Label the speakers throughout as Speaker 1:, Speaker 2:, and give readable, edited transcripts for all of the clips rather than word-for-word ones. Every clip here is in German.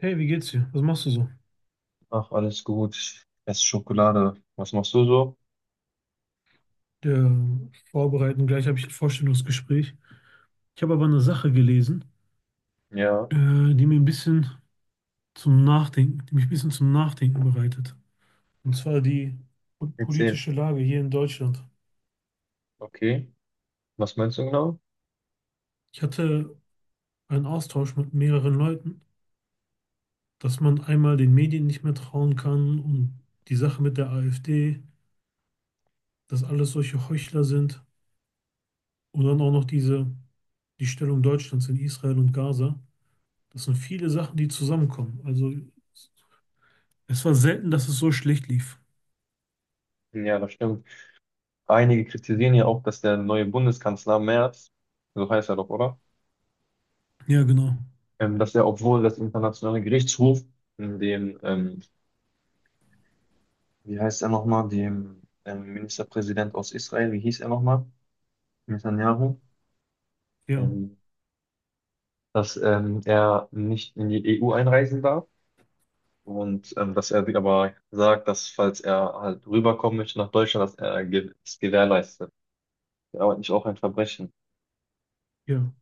Speaker 1: Hey, wie geht's dir? Was machst du so?
Speaker 2: Ach, alles gut. Ich esse Schokolade. Was machst du so?
Speaker 1: Ja, vorbereiten, gleich habe ich ein Vorstellungsgespräch. Ich habe aber eine Sache gelesen,
Speaker 2: Ja,
Speaker 1: die mir ein bisschen zum Nachdenken, die mich ein bisschen zum Nachdenken bereitet. Und zwar die
Speaker 2: erzähl.
Speaker 1: politische Lage hier in Deutschland.
Speaker 2: Okay. Was meinst du genau?
Speaker 1: Ich hatte einen Austausch mit mehreren Leuten, dass man einmal den Medien nicht mehr trauen kann und die Sache mit der AfD, dass alles solche Heuchler sind und dann auch noch diese, die Stellung Deutschlands in Israel und Gaza. Das sind viele Sachen, die zusammenkommen. Also es war selten, dass es so schlecht lief.
Speaker 2: Ja, das stimmt. Einige kritisieren ja auch, dass der neue Bundeskanzler Merz, so heißt er doch, oder?
Speaker 1: Ja, genau.
Speaker 2: Dass er, obwohl das internationale Gerichtshof dem, ähm, wie heißt er nochmal, dem Ministerpräsident aus Israel, wie hieß er nochmal? Netanyahu,
Speaker 1: Ja,
Speaker 2: ähm, dass er nicht in die EU einreisen darf. Und dass er sich aber sagt, dass falls er halt rüberkommen möchte nach Deutschland, dass es gewährleistet. Aber nicht auch ein Verbrechen.
Speaker 1: ja.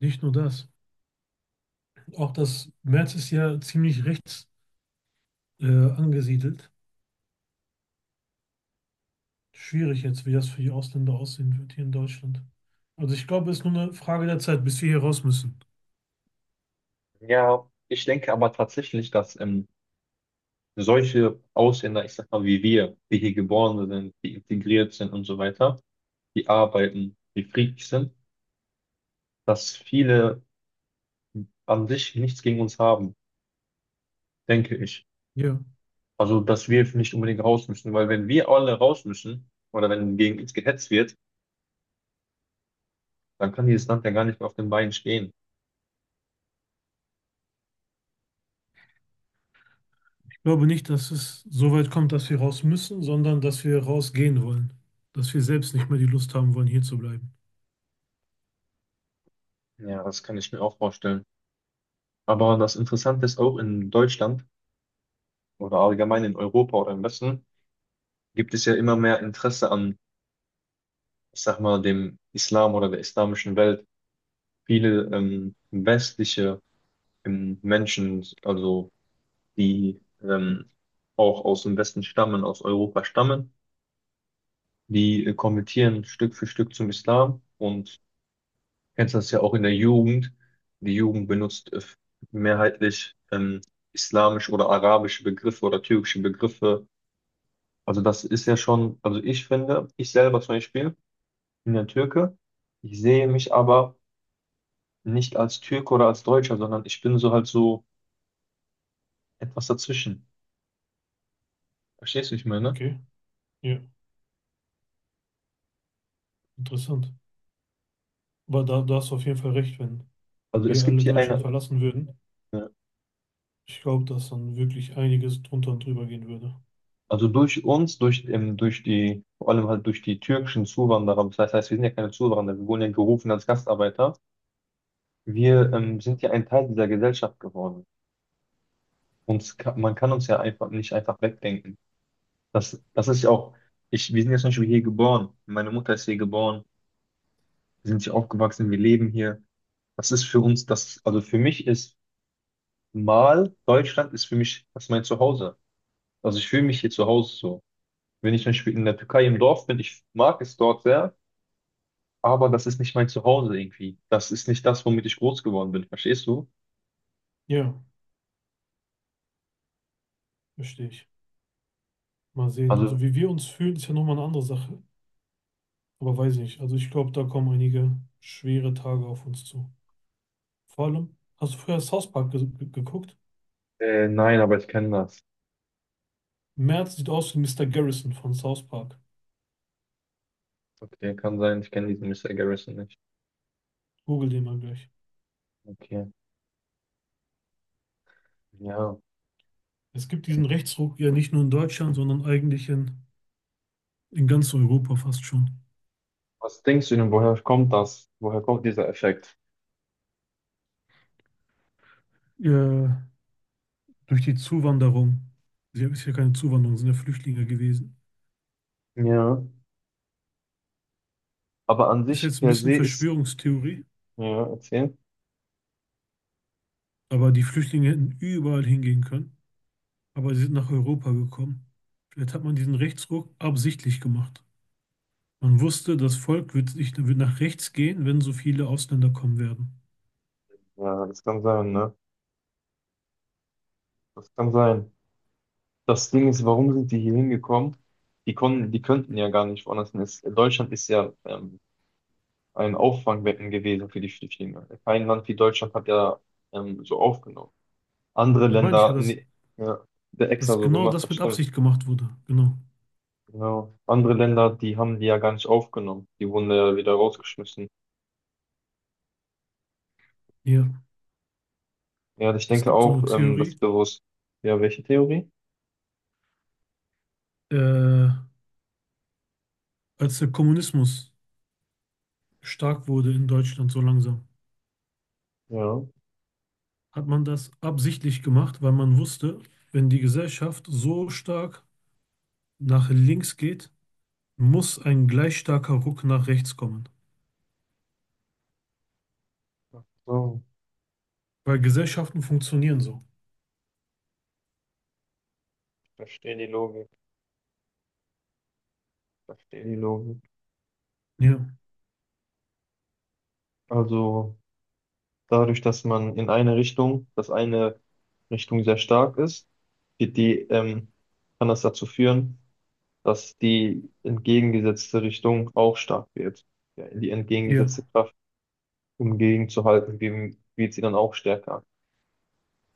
Speaker 1: Nicht nur das. Auch das März ist ja ziemlich rechts äh, angesiedelt. Schwierig jetzt, wie das für die Ausländer aussehen wird hier in Deutschland. Also ich glaube, es ist nur eine Frage der Zeit, bis wir hier raus müssen.
Speaker 2: Ja, ich denke aber tatsächlich, dass solche Ausländer, ich sag mal wie wir, die hier geboren sind, die integriert sind und so weiter, die arbeiten, die friedlich sind, dass viele an sich nichts gegen uns haben, denke ich.
Speaker 1: Ja.
Speaker 2: Also, dass wir nicht unbedingt raus müssen, weil wenn wir alle raus müssen oder wenn gegen uns gehetzt wird, dann kann dieses Land ja gar nicht mehr auf den Beinen stehen.
Speaker 1: Ich glaube nicht, dass es so weit kommt, dass wir raus müssen, sondern dass wir rausgehen wollen. Dass wir selbst nicht mehr die Lust haben wollen, hier zu bleiben.
Speaker 2: Ja, das kann ich mir auch vorstellen. Aber das Interessante ist auch in Deutschland oder allgemein in Europa oder im Westen gibt es ja immer mehr Interesse an, ich sag mal, dem Islam oder der islamischen Welt. Viele westliche Menschen, also die auch aus dem Westen stammen, aus Europa stammen, die konvertieren Stück für Stück zum Islam und kennst das ja auch in der Jugend. Die Jugend benutzt mehrheitlich islamische oder arabische Begriffe oder türkische Begriffe. Also das ist ja schon, also ich finde, ich selber zum Beispiel bin ja Türke. Ich sehe mich aber nicht als Türke oder als Deutscher, sondern ich bin so halt so etwas dazwischen. Verstehst du, wie ich meine?
Speaker 1: Okay, ja, interessant. Aber da hast du auf jeden Fall recht, wenn
Speaker 2: Also es
Speaker 1: wir
Speaker 2: gibt
Speaker 1: alle
Speaker 2: hier
Speaker 1: Deutschland
Speaker 2: eine,
Speaker 1: verlassen würden,
Speaker 2: äh,
Speaker 1: ich glaube, dass dann wirklich einiges drunter und drüber gehen würde.
Speaker 2: also durch uns, durch die, vor allem halt durch die türkischen Zuwanderer, das heißt, wir sind ja keine Zuwanderer, wir wurden ja gerufen als Gastarbeiter. Wir sind ja ein Teil dieser Gesellschaft geworden. Man kann uns ja einfach nicht einfach wegdenken. Das ist ja auch, wir sind jetzt zum Beispiel hier geboren. Meine Mutter ist hier geboren. Wir sind hier aufgewachsen. Wir leben hier. Das ist für uns, das, also für mich ist mal Deutschland, ist für mich, das ist mein Zuhause. Also ich fühle mich hier zu Hause so. Wenn ich zum Beispiel in der Türkei im Dorf bin, ich mag es dort sehr, aber das ist nicht mein Zuhause irgendwie. Das ist nicht das, womit ich groß geworden bin. Verstehst du?
Speaker 1: Ja, verstehe ich. Mal sehen. Also
Speaker 2: Also,
Speaker 1: wie wir uns fühlen, ist ja nochmal eine andere Sache. Aber weiß nicht. Also ich glaube, da kommen einige schwere Tage auf uns zu. Vor allem, hast du früher South Park ge ge geguckt?
Speaker 2: nein, aber ich kenne das.
Speaker 1: Merz sieht aus wie Mister Garrison von South Park.
Speaker 2: Okay, kann sein. Ich kenne diesen Mister Garrison nicht.
Speaker 1: Google den mal gleich.
Speaker 2: Okay, ja.
Speaker 1: Es gibt diesen Rechtsruck ja nicht nur in Deutschland, sondern eigentlich in ganz Europa fast schon.
Speaker 2: Was denkst du denn, woher kommt das? Woher kommt dieser Effekt?
Speaker 1: Ja, durch die Zuwanderung. Sie ist ja keine Zuwanderung, sind ja Flüchtlinge gewesen.
Speaker 2: Ja. Aber an
Speaker 1: Ist
Speaker 2: sich
Speaker 1: jetzt ein
Speaker 2: per
Speaker 1: bisschen
Speaker 2: se ist,
Speaker 1: Verschwörungstheorie,
Speaker 2: ja, erzähl.
Speaker 1: aber die Flüchtlinge hätten überall hingehen können, aber sie sind nach Europa gekommen. Vielleicht hat man diesen Rechtsruck absichtlich gemacht. Das Volk wird nach rechts gehen, wenn so viele Ausländer kommen werden.
Speaker 2: Ja, das kann sein, ne? Das kann sein. Das Ding ist, warum sind die hier hingekommen? Die könnten ja gar nicht woanders hin. Deutschland ist ja ein Auffangbecken gewesen für die Flüchtlinge. Kein Land wie Deutschland hat ja so aufgenommen. Andere
Speaker 1: Da meine ich ja,
Speaker 2: Länder, nee, ja, der extra
Speaker 1: dass
Speaker 2: so
Speaker 1: genau
Speaker 2: gemacht,
Speaker 1: das
Speaker 2: das
Speaker 1: mit
Speaker 2: stimmt.
Speaker 1: Absicht gemacht wurde. Genau.
Speaker 2: Genau. Andere Länder, die haben die ja gar nicht aufgenommen. Die wurden ja wieder rausgeschmissen.
Speaker 1: Ja,
Speaker 2: Ja, ich
Speaker 1: es
Speaker 2: denke
Speaker 1: gibt so
Speaker 2: auch,
Speaker 1: eine
Speaker 2: das
Speaker 1: Theorie,
Speaker 2: ist bewusst. Ja, welche Theorie?
Speaker 1: äh, als der Kommunismus stark wurde in Deutschland so langsam,
Speaker 2: Ja.
Speaker 1: hat man das absichtlich gemacht, weil man wusste, wenn die Gesellschaft so stark nach links geht, muss ein gleich starker Ruck nach rechts kommen.
Speaker 2: Ach so,
Speaker 1: Weil Gesellschaften funktionieren so.
Speaker 2: ich verstehe die Logik. Ich verstehe die Logik.
Speaker 1: Ja,
Speaker 2: Also dadurch, dass man in eine Richtung, dass eine Richtung sehr stark ist, wird die, ähm, kann das dazu führen, dass die entgegengesetzte Richtung auch stark wird. Ja, die entgegengesetzte
Speaker 1: ja,
Speaker 2: Kraft, um gegenzuhalten, wird sie dann auch stärker.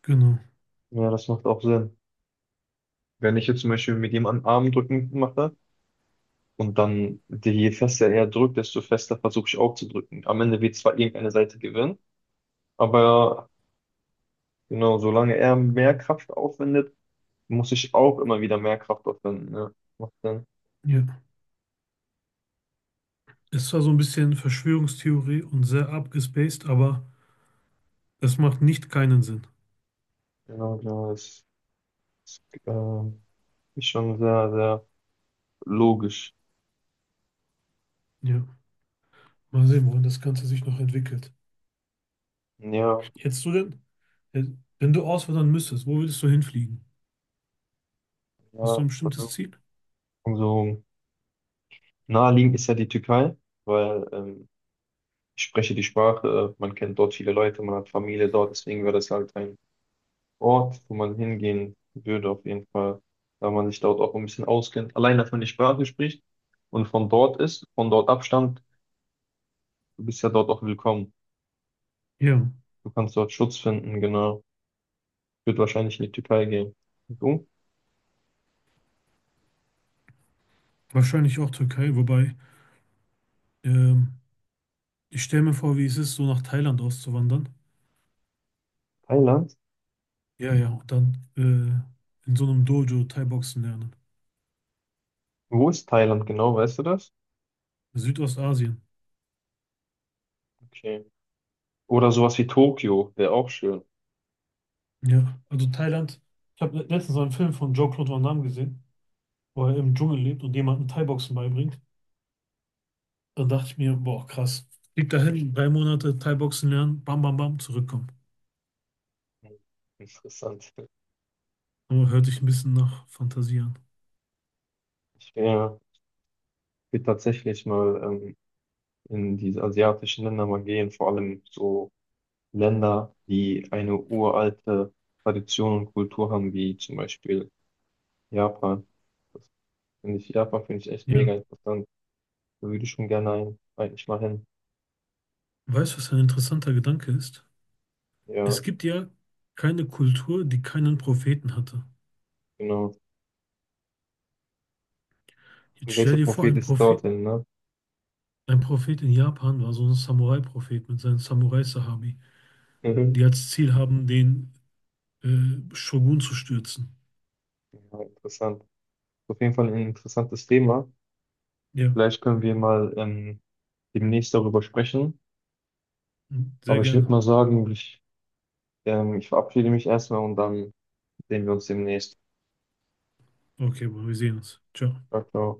Speaker 1: genau.
Speaker 2: Ja, das macht auch Sinn. Wenn ich jetzt zum Beispiel mit jemandem Armdrücken mache und dann die, je fester er drückt, desto fester versuche ich auch zu drücken. Am Ende wird zwar irgendeine Seite gewinnen, aber genau, solange er mehr Kraft aufwendet, muss ich auch immer wieder mehr Kraft aufwenden. Ne? Macht dann,
Speaker 1: Ja. Es war so ein bisschen Verschwörungstheorie und sehr abgespaced, aber es macht nicht keinen Sinn.
Speaker 2: genau, genau, das ist, ähm, ist schon sehr, sehr logisch.
Speaker 1: Ja. Mal sehen, wohin das Ganze sich noch entwickelt.
Speaker 2: Ja,
Speaker 1: Hättest du denn, äh, wenn du auswandern müsstest, wo würdest du hinfliegen? Hast du ein
Speaker 2: ja,
Speaker 1: bestimmtes Ziel?
Speaker 2: also naheliegend ist ja die Türkei, weil ich spreche die Sprache, man kennt dort viele Leute, man hat Familie dort, deswegen wäre das halt ein Ort, wo man hingehen würde, auf jeden Fall, weil man sich dort auch ein bisschen auskennt, allein dass man die Sprache spricht und von dort ist, von dort abstammt, du bist ja dort auch willkommen.
Speaker 1: Ja,
Speaker 2: Du kannst dort Schutz finden, genau. Ich würde wahrscheinlich in die Türkei gehen. Und du?
Speaker 1: wahrscheinlich auch Türkei, wobei ähm, ich stelle mir vor, wie es ist, so nach Thailand auszuwandern.
Speaker 2: Thailand?
Speaker 1: Ja, ja, und dann in so einem Dojo Thai-Boxen lernen.
Speaker 2: Wo ist Thailand genau, weißt du das?
Speaker 1: Südostasien.
Speaker 2: Okay. Oder sowas wie Tokio, wäre auch schön.
Speaker 1: Ja, also Thailand. Ich habe letztens einen Film von Jean-Claude Van Damme gesehen, wo er im Dschungel lebt und jemanden Thai-Boxen beibringt. Dann dachte ich mir, boah, krass. Fliegt dahin, 3 Monate Thai-Boxen lernen, bam, bam, bam, zurückkommen.
Speaker 2: Hm, interessant.
Speaker 1: Aber hört sich ein bisschen nach Fantasie an.
Speaker 2: Ich wär, will tatsächlich mal in diese asiatischen Länder mal gehen, vor allem so Länder, die eine uralte Tradition und Kultur haben, wie zum Beispiel Japan. Das finde ich, Japan finde ich echt
Speaker 1: Ja.
Speaker 2: mega interessant. Da würde ich schon gerne eigentlich mal hin.
Speaker 1: Weißt du, was ein interessanter Gedanke ist? Es
Speaker 2: Ja,
Speaker 1: gibt ja keine Kultur, die keinen Propheten hatte.
Speaker 2: genau.
Speaker 1: Jetzt
Speaker 2: Und
Speaker 1: stell
Speaker 2: welcher
Speaker 1: dir vor,
Speaker 2: Prophet ist dorthin, ne?
Speaker 1: Ein Prophet in Japan war so ein Samurai-Prophet mit seinen Samurai-Sahabi, die
Speaker 2: Mhm.
Speaker 1: als Ziel haben, den Shogun zu stürzen.
Speaker 2: Ja, interessant. Auf jeden Fall ein interessantes Thema.
Speaker 1: Ja,
Speaker 2: Vielleicht können wir mal demnächst darüber sprechen.
Speaker 1: sehr
Speaker 2: Aber ich würde
Speaker 1: gerne.
Speaker 2: mal sagen, ich verabschiede mich erstmal und dann sehen wir uns demnächst.
Speaker 1: Okay, Bro, wir sehen uns. Ciao.
Speaker 2: Ciao, ciao.